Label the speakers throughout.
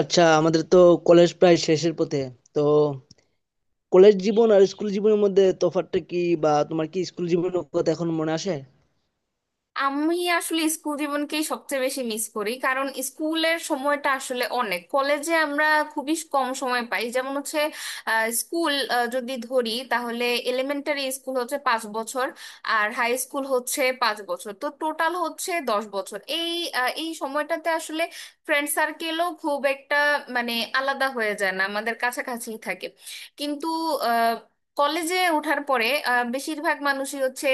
Speaker 1: আচ্ছা, আমাদের তো কলেজ প্রায় শেষের পথে। তো কলেজ জীবন আর স্কুল জীবনের মধ্যে তফাৎটা কি, বা তোমার কি স্কুল জীবনের কথা এখন মনে আসে?
Speaker 2: আমি আসলে স্কুল জীবনকেই সবচেয়ে বেশি মিস করি, কারণ স্কুলের সময়টা আসলে অনেক। কলেজে আমরা খুবই কম সময় পাই। যেমন হচ্ছে, স্কুল যদি ধরি তাহলে এলিমেন্টারি স্কুল হচ্ছে 5 বছর, আর হাই স্কুল হচ্ছে 5 বছর, তো টোটাল হচ্ছে 10 বছর। এই এই সময়টাতে আসলে ফ্রেন্ড সার্কেলও খুব একটা মানে আলাদা হয়ে যায় না, আমাদের কাছাকাছি থাকে। কিন্তু আহ, কলেজে ওঠার পরে বেশিরভাগ মানুষই হচ্ছে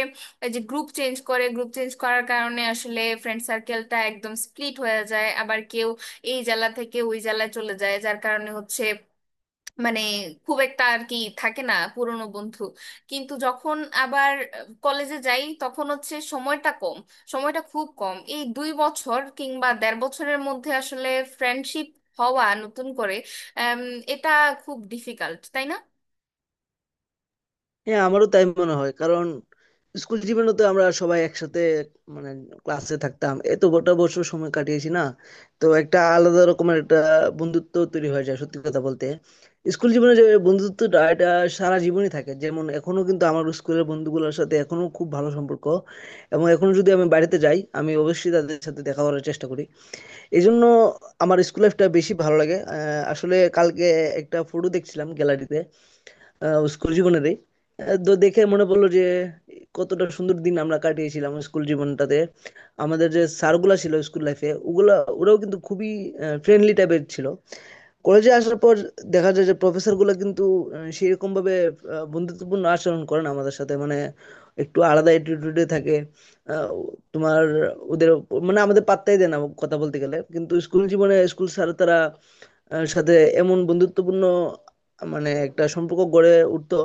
Speaker 2: এই যে গ্রুপ চেঞ্জ করে, গ্রুপ চেঞ্জ করার কারণে আসলে ফ্রেন্ড সার্কেলটা একদম স্প্লিট হয়ে যায়। আবার কেউ এই জেলা থেকে ওই জেলায় চলে যায়, যার কারণে হচ্ছে মানে খুব একটা আর কি থাকে না পুরনো বন্ধু। কিন্তু যখন আবার কলেজে যাই তখন হচ্ছে সময়টা কম, সময়টা খুব কম। এই 2 বছর কিংবা দেড় বছরের মধ্যে আসলে ফ্রেন্ডশিপ হওয়া নতুন করে, আম, এটা খুব ডিফিকাল্ট, তাই না?
Speaker 1: হ্যাঁ, আমারও তাই মনে হয়, কারণ স্কুল জীবনে তো আমরা সবাই একসাথে মানে ক্লাসে থাকতাম, এত গোটা বছর সময় কাটিয়েছি না, তো একটা আলাদা রকমের একটা বন্ধুত্ব তৈরি হয়ে যায়। সত্যি কথা বলতে, স্কুল জীবনে যে বন্ধুত্বটা, এটা সারা জীবনই থাকে। যেমন এখনো কিন্তু আমার স্কুলের বন্ধুগুলোর সাথে এখনো খুব ভালো সম্পর্ক, এবং এখনো যদি আমি বাড়িতে যাই আমি অবশ্যই তাদের সাথে দেখা করার চেষ্টা করি। এই জন্য আমার স্কুল লাইফটা বেশি ভালো লাগে। আসলে কালকে একটা ফটো দেখছিলাম গ্যালারিতে, স্কুল জীবনেরই। তো দেখে মনে পড়লো যে কতটা সুন্দর দিন আমরা কাটিয়েছিলাম স্কুল জীবনটাতে। আমাদের যে স্যারগুলা ছিল স্কুল লাইফে, ওগুলা ওরাও কিন্তু খুবই ফ্রেন্ডলি টাইপের ছিল। কলেজে আসার পর দেখা যায় যে প্রফেসর গুলো কিন্তু সেরকম ভাবে বন্ধুত্বপূর্ণ আচরণ করে না আমাদের সাথে, মানে একটু আলাদা অ্যাটিটিউডে থাকে। আহ, তোমার ওদের মানে আমাদের পাত্তাই দেয় না কথা বলতে গেলে। কিন্তু স্কুল জীবনে স্কুল স্যার, তারা সাথে এমন বন্ধুত্বপূর্ণ মানে একটা সম্পর্ক গড়ে উঠতো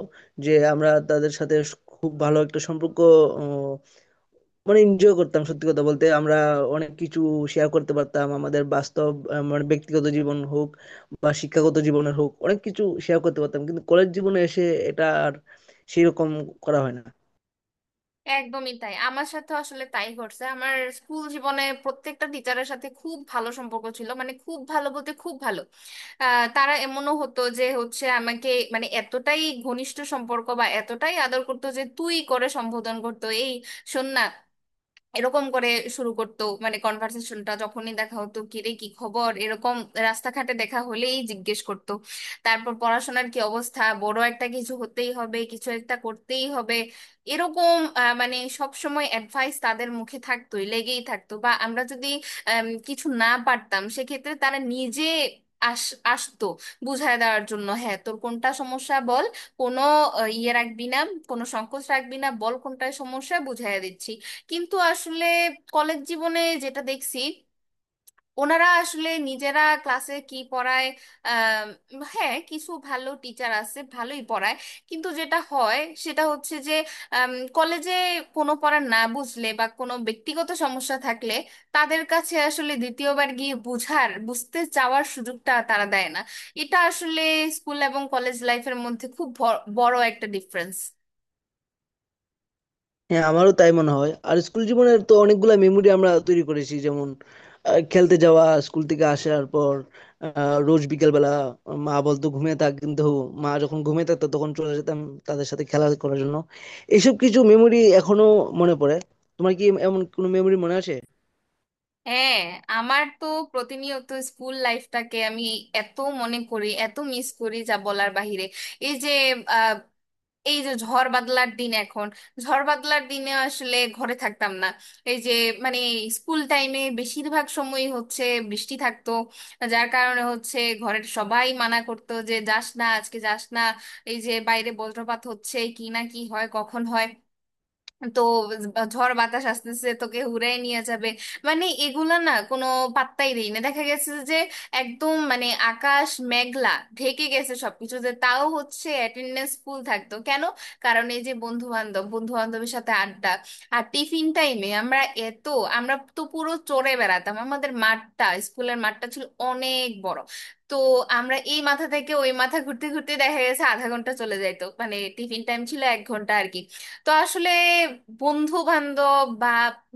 Speaker 1: যে আমরা তাদের সাথে খুব ভালো একটা সম্পর্ক, আহ, মানে এনজয় করতাম। সত্যি কথা বলতে আমরা অনেক কিছু শেয়ার করতে পারতাম, আমাদের বাস্তব মানে ব্যক্তিগত জীবন হোক বা শিক্ষাগত জীবনের হোক, অনেক কিছু শেয়ার করতে পারতাম। কিন্তু কলেজ জীবনে এসে এটা আর সেরকম করা হয় না।
Speaker 2: একদমই তাই, আমার সাথে আসলে তাই ঘটছে। আমার স্কুল জীবনে প্রত্যেকটা টিচারের সাথে খুব ভালো সম্পর্ক ছিল, মানে খুব ভালো বলতে খুব ভালো। তারা এমনও হতো যে হচ্ছে আমাকে মানে এতটাই ঘনিষ্ঠ সম্পর্ক বা এতটাই আদর করতো যে তুই করে সম্বোধন করতো। এই শোন না, এরকম করে শুরু করতো মানে কনভার্সেশনটা। যখনই দেখা হতো, কি রে কি খবর, এরকম রাস্তাঘাটে দেখা হলেই জিজ্ঞেস করতো। তারপর পড়াশোনার কি অবস্থা, বড় একটা কিছু হতেই হবে, কিছু একটা করতেই হবে, এরকম মানে সব সময় অ্যাডভাইস তাদের মুখে থাকতোই, লেগেই থাকতো। বা আমরা যদি কিছু না পারতাম সেক্ষেত্রে তারা নিজে আস আসতো বুঝায় দেওয়ার জন্য। হ্যাঁ, তোর কোনটা সমস্যা বল, কোনো ইয়ে রাখবি না, কোনো সংকোচ রাখবি না, বল কোনটায় সমস্যা, বুঝাইয়া দিচ্ছি। কিন্তু আসলে কলেজ জীবনে যেটা দেখছি, ওনারা আসলে নিজেরা ক্লাসে কি পড়ায়, আম, হ্যাঁ কিছু ভালো টিচার আছে, ভালোই পড়ায়। কিন্তু যেটা হয় সেটা হচ্ছে যে কলেজে কোনো পড়া না বুঝলে বা কোনো ব্যক্তিগত সমস্যা থাকলে তাদের কাছে আসলে দ্বিতীয়বার গিয়ে বুঝার, বুঝতে চাওয়ার সুযোগটা তারা দেয় না। এটা আসলে স্কুল এবং কলেজ লাইফের মধ্যে খুব বড় একটা ডিফারেন্স।
Speaker 1: হ্যাঁ, আমারও তাই মনে হয়। আর স্কুল জীবনের তো অনেকগুলা মেমোরি আমরা তৈরি করেছি, যেমন খেলতে যাওয়া স্কুল থেকে আসার পর, রোজ বিকেলবেলা। মা বলতো ঘুমিয়ে থাক, কিন্তু মা যখন ঘুমিয়ে থাকতো তখন চলে যেতাম তাদের সাথে খেলা করার জন্য। এইসব কিছু মেমোরি এখনো মনে পড়ে। তোমার কি এমন কোনো মেমোরি মনে আছে?
Speaker 2: হ্যাঁ, আমার তো প্রতিনিয়ত স্কুল লাইফটাকে আমি এত মনে করি, এত মিস করি, যা বলার বাহিরে। এই যে আহ, এই যে ঝড় বাদলার দিন এখন, ঝড় বাদলার দিনে আসলে ঘরে থাকতাম না। এই যে মানে স্কুল টাইমে বেশিরভাগ সময়ই হচ্ছে বৃষ্টি থাকতো, যার কারণে হচ্ছে ঘরের সবাই মানা করতো যে যাস না, আজকে যাস না, এই যে বাইরে বজ্রপাত হচ্ছে, কি না কি হয় কখন হয়, তো ঝড় বাতাস আসতেছে তোকে হুড়াই নিয়ে যাবে। মানে এগুলা না কোনো পাত্তাই দেই না। দেখা গেছে যে একদম মানে আকাশ মেঘলা ঢেকে গেছে সবকিছুতে, তাও হচ্ছে অ্যাটেন্ডেন্স ফুল থাকতো। কেন? কারণ এই যে বন্ধু বান্ধব, বন্ধু বান্ধবের সাথে আড্ডা। আর টিফিন টাইমে আমরা এত, আমরা তো পুরো চড়ে বেড়াতাম। আমাদের মাঠটা, স্কুলের মাঠটা ছিল অনেক বড়, তো আমরা এই মাথা থেকে ওই মাথা ঘুরতে ঘুরতে দেখা গেছে আধা ঘন্টা চলে যাইতো। মানে টিফিন টাইম ছিল 1 ঘন্টা আর কি। তো আসলে বন্ধু বান্ধব বা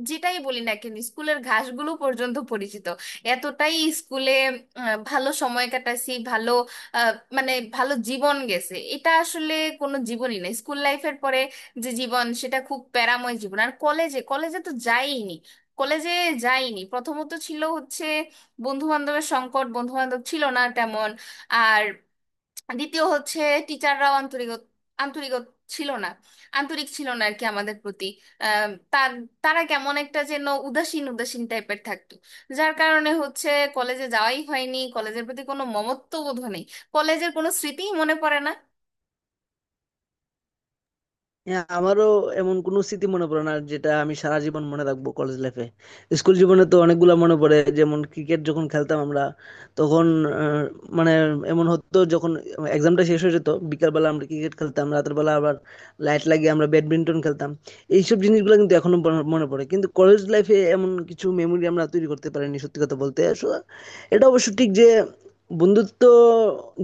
Speaker 2: যেটাই বলি না কেন, স্কুলের ঘাসগুলো পর্যন্ত পরিচিত, এতটাই স্কুলে ভালো সময় কাটাইছি, ভালো মানে ভালো জীবন গেছে। এটা আসলে কোনো জীবনই না স্কুল লাইফের পরে যে জীবন, সেটা খুব প্যারাময় জীবন। আর কলেজে কলেজে তো যাইনি, কলেজে যাইনি। প্রথমত ছিল হচ্ছে বন্ধু বান্ধবের সংকট, বন্ধু বান্ধব ছিল না তেমন। আর দ্বিতীয় হচ্ছে টিচাররাও আন্তরিক, আন্তরিক ছিল না, আন্তরিক ছিল না আর কি আমাদের প্রতি। আম, তার তারা কেমন একটা যেন উদাসীন উদাসীন টাইপের থাকতো, যার কারণে হচ্ছে কলেজে যাওয়াই হয়নি। কলেজের প্রতি কোনো মমত্ব বোধ নেই, কলেজের কোনো স্মৃতিই মনে পড়ে না।
Speaker 1: হ্যাঁ, আমারও এমন কোনো স্মৃতি মনে পড়ে না যেটা আমি সারা জীবন মনে রাখবো কলেজ লাইফে। স্কুল জীবনে তো অনেকগুলো মনে পড়ে, যেমন ক্রিকেট যখন খেলতাম আমরা, তখন আহ, মানে এমন হতো যখন এক্সামটা শেষ হয়ে যেত বিকালবেলা আমরা ক্রিকেট খেলতাম, রাতের বেলা আবার লাইট লাগিয়ে আমরা ব্যাডমিন্টন খেলতাম। এইসব জিনিসগুলো কিন্তু এখনো মনে মনে পড়ে। কিন্তু কলেজ লাইফে এমন কিছু মেমোরি আমরা তৈরি করতে পারিনি সত্যি কথা বলতে। So, এটা অবশ্য ঠিক যে বন্ধুত্ব,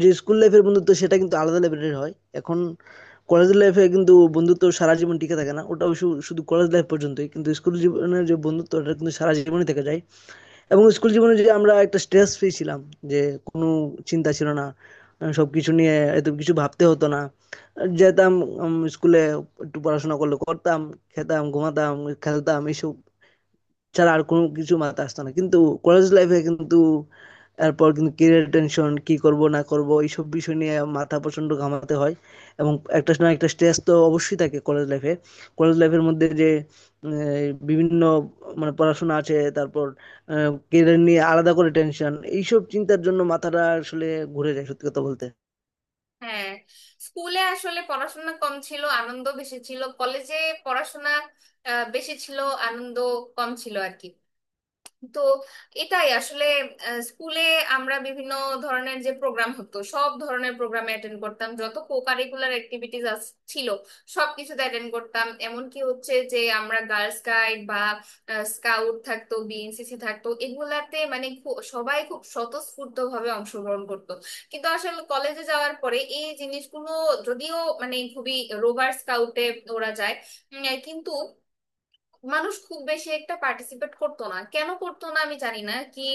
Speaker 1: যে স্কুল লাইফের বন্ধুত্ব সেটা কিন্তু আলাদা লেভেলের হয়। এখন কলেজ লাইফে কিন্তু বন্ধুত্ব সারা জীবন টিকে থাকে না, ওটা অবশ্য শুধু কলেজ লাইফ পর্যন্তই। কিন্তু স্কুল জীবনের যে বন্ধুত্ব ওটা কিন্তু সারা জীবনই থেকে যায়। এবং স্কুল জীবনে যে আমরা একটা স্ট্রেস ফ্রি ছিলাম, যে কোনো চিন্তা ছিল না, সব কিছু নিয়ে এত কিছু ভাবতে হতো না। যেতাম স্কুলে, একটু পড়াশোনা করলে করতাম, খেতাম, ঘুমাতাম, খেলতাম, এইসব ছাড়া আর কোনো কিছু মাথায় আসতো না। কিন্তু কলেজ লাইফে কিন্তু এরপর কিন্তু ক্যারিয়ার টেনশন, কি করব না করব এইসব বিষয় নিয়ে মাথা প্রচন্ড ঘামাতে হয়, এবং একটা না একটা স্ট্রেস তো অবশ্যই থাকে কলেজ লাইফে। কলেজ লাইফের মধ্যে যে বিভিন্ন মানে পড়াশোনা আছে, তারপর ক্যারিয়ার নিয়ে আলাদা করে টেনশন, এইসব চিন্তার জন্য মাথাটা আসলে ঘুরে যায় সত্যি কথা বলতে।
Speaker 2: হ্যাঁ, স্কুলে আসলে পড়াশোনা কম ছিল, আনন্দ বেশি ছিল। কলেজে পড়াশোনা বেশি ছিল, আনন্দ কম ছিল আর কি। তো এটাই আসলে স্কুলে আমরা বিভিন্ন ধরনের যে প্রোগ্রাম হতো, সব ধরনের প্রোগ্রামে অ্যাটেন্ড করতাম। যত কো কারিকুলার অ্যাক্টিভিটিস ছিল সব কিছুতে অ্যাটেন্ড করতাম, এমনকি হচ্ছে যে আমরা গার্লস গাইড বা স্কাউট থাকতো, বিএনসিসি থাকতো, এগুলাতে মানে সবাই খুব স্বতঃস্ফূর্ত ভাবে অংশগ্রহণ করতো। কিন্তু আসলে কলেজে যাওয়ার পরে এই জিনিসগুলো, যদিও মানে খুবই, রোভার স্কাউটে ওরা যায়, কিন্তু মানুষ খুব বেশি একটা পার্টিসিপেট করতো না। কেন করতো না আমি জানি না। কি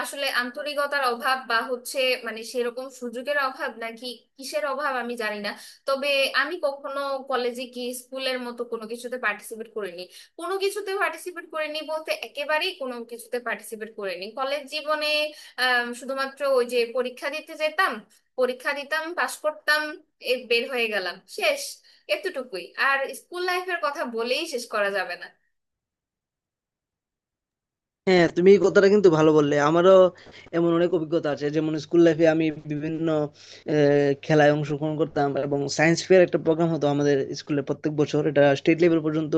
Speaker 2: আসলে আন্তরিকতার অভাব বা হচ্ছে মানে সেরকম সুযোগের অভাব, নাকি কিসের অভাব আমি জানি না। তবে আমি কখনো কলেজে কি স্কুলের মতো কোনো কিছুতে পার্টিসিপেট করিনি। কোনো কিছুতে পার্টিসিপেট করিনি বলতে একেবারেই কোনো কিছুতে পার্টিসিপেট করিনি কলেজ জীবনে। আহ শুধুমাত্র ওই যে পরীক্ষা দিতে যেতাম, পরীক্ষা দিতাম, পাশ করতাম, এ বের হয়ে গেলাম, শেষ। এতটুকুই। আর স্কুল লাইফের কথা বলেই শেষ করা যাবে না।
Speaker 1: হ্যাঁ, তুমি এই কথাটা কিন্তু ভালো বললে। আমারও এমন অনেক অভিজ্ঞতা আছে, যেমন স্কুল লাইফে আমি বিভিন্ন খেলায় অংশগ্রহণ করতাম, এবং সায়েন্স ফেয়ার একটা প্রোগ্রাম হতো আমাদের স্কুলে প্রত্যেক বছর, এটা স্টেট লেভেল পর্যন্ত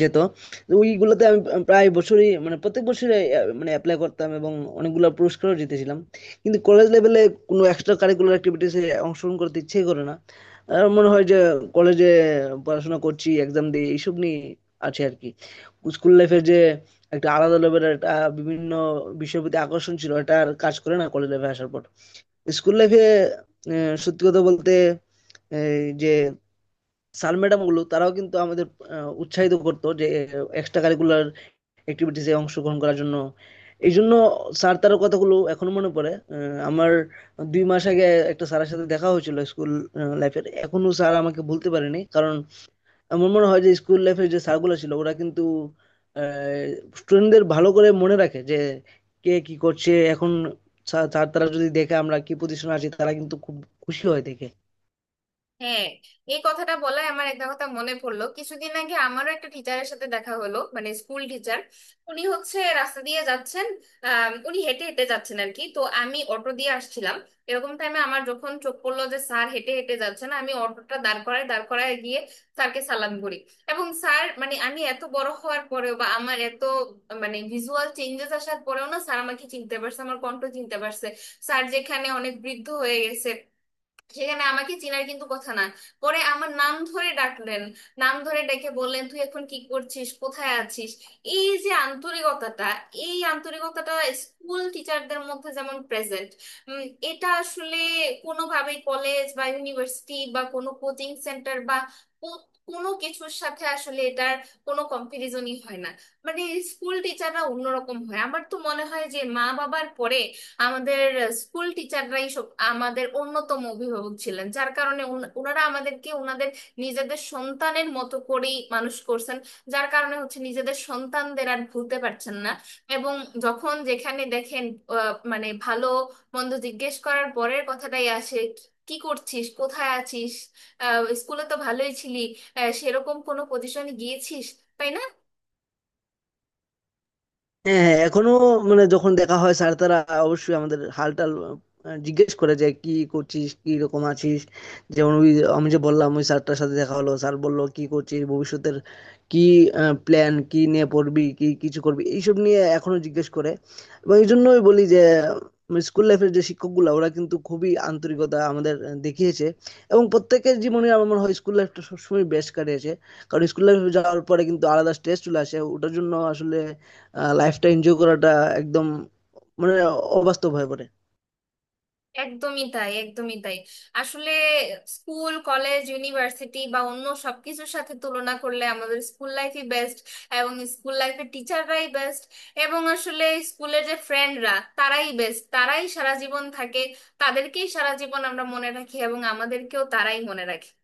Speaker 1: যেত। তো ওইগুলোতে আমি প্রায় বছরই মানে প্রত্যেক বছরই মানে অ্যাপ্লাই করতাম, এবং অনেকগুলো পুরস্কারও জিতেছিলাম। কিন্তু কলেজ লেভেলে কোনো এক্সট্রা কারিকুলার অ্যাক্টিভিটিসে অংশগ্রহণ করতে ইচ্ছেই করে না। আর মনে হয় যে কলেজে পড়াশোনা করছি, এক্সাম দিয়ে এইসব নিয়ে আছে আর কি। স্কুল লাইফের যে একটা আলাদা লেভেলের একটা বিভিন্ন বিষয়ের প্রতি আকর্ষণ ছিল, এটা আর কাজ করে না কলেজ লাইফে আসার পর। স্কুল লাইফে সত্যি কথা বলতে এই যে স্যার ম্যাডাম গুলো, তারাও কিন্তু আমাদের উৎসাহিত করতো যে এক্সট্রা কারিকুলার অ্যাক্টিভিটিসে অংশগ্রহণ করার জন্য। এই জন্য স্যার তার কথাগুলো এখনো মনে পড়ে। আমার 2 মাস আগে একটা স্যারের সাথে দেখা হয়েছিল স্কুল লাইফের, এখনো স্যার আমাকে ভুলতে পারেনি। কারণ আমার মনে হয় যে স্কুল লাইফের যে স্যারগুলো ছিল ওরা কিন্তু স্টুডেন্টদের ভালো করে মনে রাখে যে কে কি করছে এখন। স্যার তারা যদি দেখে আমরা কি পজিশন আছি, তারা কিন্তু খুব খুশি হয় দেখে।
Speaker 2: হ্যাঁ, এই কথাটা বলায় আমার একটা কথা মনে পড়লো। কিছুদিন আগে আমারও একটা টিচারের সাথে দেখা হলো, মানে স্কুল টিচার। উনি হচ্ছে রাস্তা দিয়ে যাচ্ছেন, উনি হেঁটে হেঁটে যাচ্ছেন আর কি, তো আমি অটো দিয়ে আসছিলাম। এরকম টাইমে আমার যখন চোখ পড়লো যে স্যার হেঁটে হেঁটে যাচ্ছেন, আমি অটোটা দাঁড় করায়, দাঁড় করায় গিয়ে স্যারকে সালাম করি। এবং স্যার, মানে আমি এত বড় হওয়ার পরেও বা আমার এত মানে ভিজুয়াল চেঞ্জেস আসার পরেও না স্যার আমাকে চিনতে পারছে, আমার কণ্ঠ চিনতে পারছে। স্যার যেখানে অনেক বৃদ্ধ হয়ে গেছে, সেখানে আমাকে চিনার কিন্তু কথা না। পরে আমার নাম ধরে ডাকলেন, নাম ধরে ডেকে বললেন তুই এখন কি করছিস, কোথায় আছিস। এই যে আন্তরিকতাটা, এই আন্তরিকতাটা স্কুল টিচারদের মধ্যে যেমন প্রেজেন্ট, এটা আসলে কোনোভাবেই কলেজ বা ইউনিভার্সিটি বা কোনো কোচিং সেন্টার বা কো- কোনো কিছুর সাথে আসলে এটার কোনো কম্পারিজনই হয় না। মানে স্কুল টিচাররা অন্যরকম হয়। আমার তো মনে হয় যে মা বাবার পরে আমাদের স্কুল টিচাররাই সব, আমাদের অন্যতম অভিভাবক ছিলেন, যার কারণে ওনারা আমাদেরকে ওনাদের নিজেদের সন্তানের মতো করেই মানুষ করছেন, যার কারণে হচ্ছে নিজেদের সন্তানদের আর ভুলতে পারছেন না। এবং যখন যেখানে দেখেন মানে ভালো মন্দ জিজ্ঞেস করার পরের কথাটাই আসে, কি কি করছিস, কোথায় আছিস, স্কুলে তো ভালোই ছিলি, সেরকম কোনো পজিশনে গিয়েছিস, তাই না?
Speaker 1: হ্যাঁ, হ্যাঁ, এখনো মানে যখন দেখা হয় স্যার তারা অবশ্যই আমাদের হালটাল জিজ্ঞেস করে যে কি করছিস, কি রকম আছিস। যেমন ওই আমি যে বললাম ওই স্যারটার সাথে দেখা হলো, স্যার বললো কি করছিস, ভবিষ্যতের কি প্ল্যান, কি নিয়ে পড়বি, কি কিছু করবি, এইসব নিয়ে এখনো জিজ্ঞেস করে। এবং এই জন্যই বলি যে স্কুল লাইফের যে শিক্ষকগুলো ওরা কিন্তু খুবই আন্তরিকতা আমাদের দেখিয়েছে। এবং প্রত্যেকের জীবনে আমার মনে হয় স্কুল লাইফটা সবসময় বেস্ট কাটিয়েছে, কারণ স্কুল লাইফে যাওয়ার পরে কিন্তু আলাদা স্ট্রেস চলে আসে, ওটার জন্য আসলে লাইফটা এনজয় করাটা একদম মানে অবাস্তব হয়ে পড়ে।
Speaker 2: একদমই তাই, একদমই তাই। আসলে স্কুল, কলেজ, ইউনিভার্সিটি বা অন্য সবকিছুর সাথে তুলনা করলে আমাদের স্কুল লাইফই বেস্ট, এবং স্কুল লাইফের টিচাররাই বেস্ট, এবং আসলে স্কুলের যে ফ্রেন্ডরা তারাই বেস্ট, তারাই সারা জীবন থাকে, তাদেরকেই সারা জীবন আমরা মনে রাখি এবং আমাদেরকেও তারাই মনে রাখে।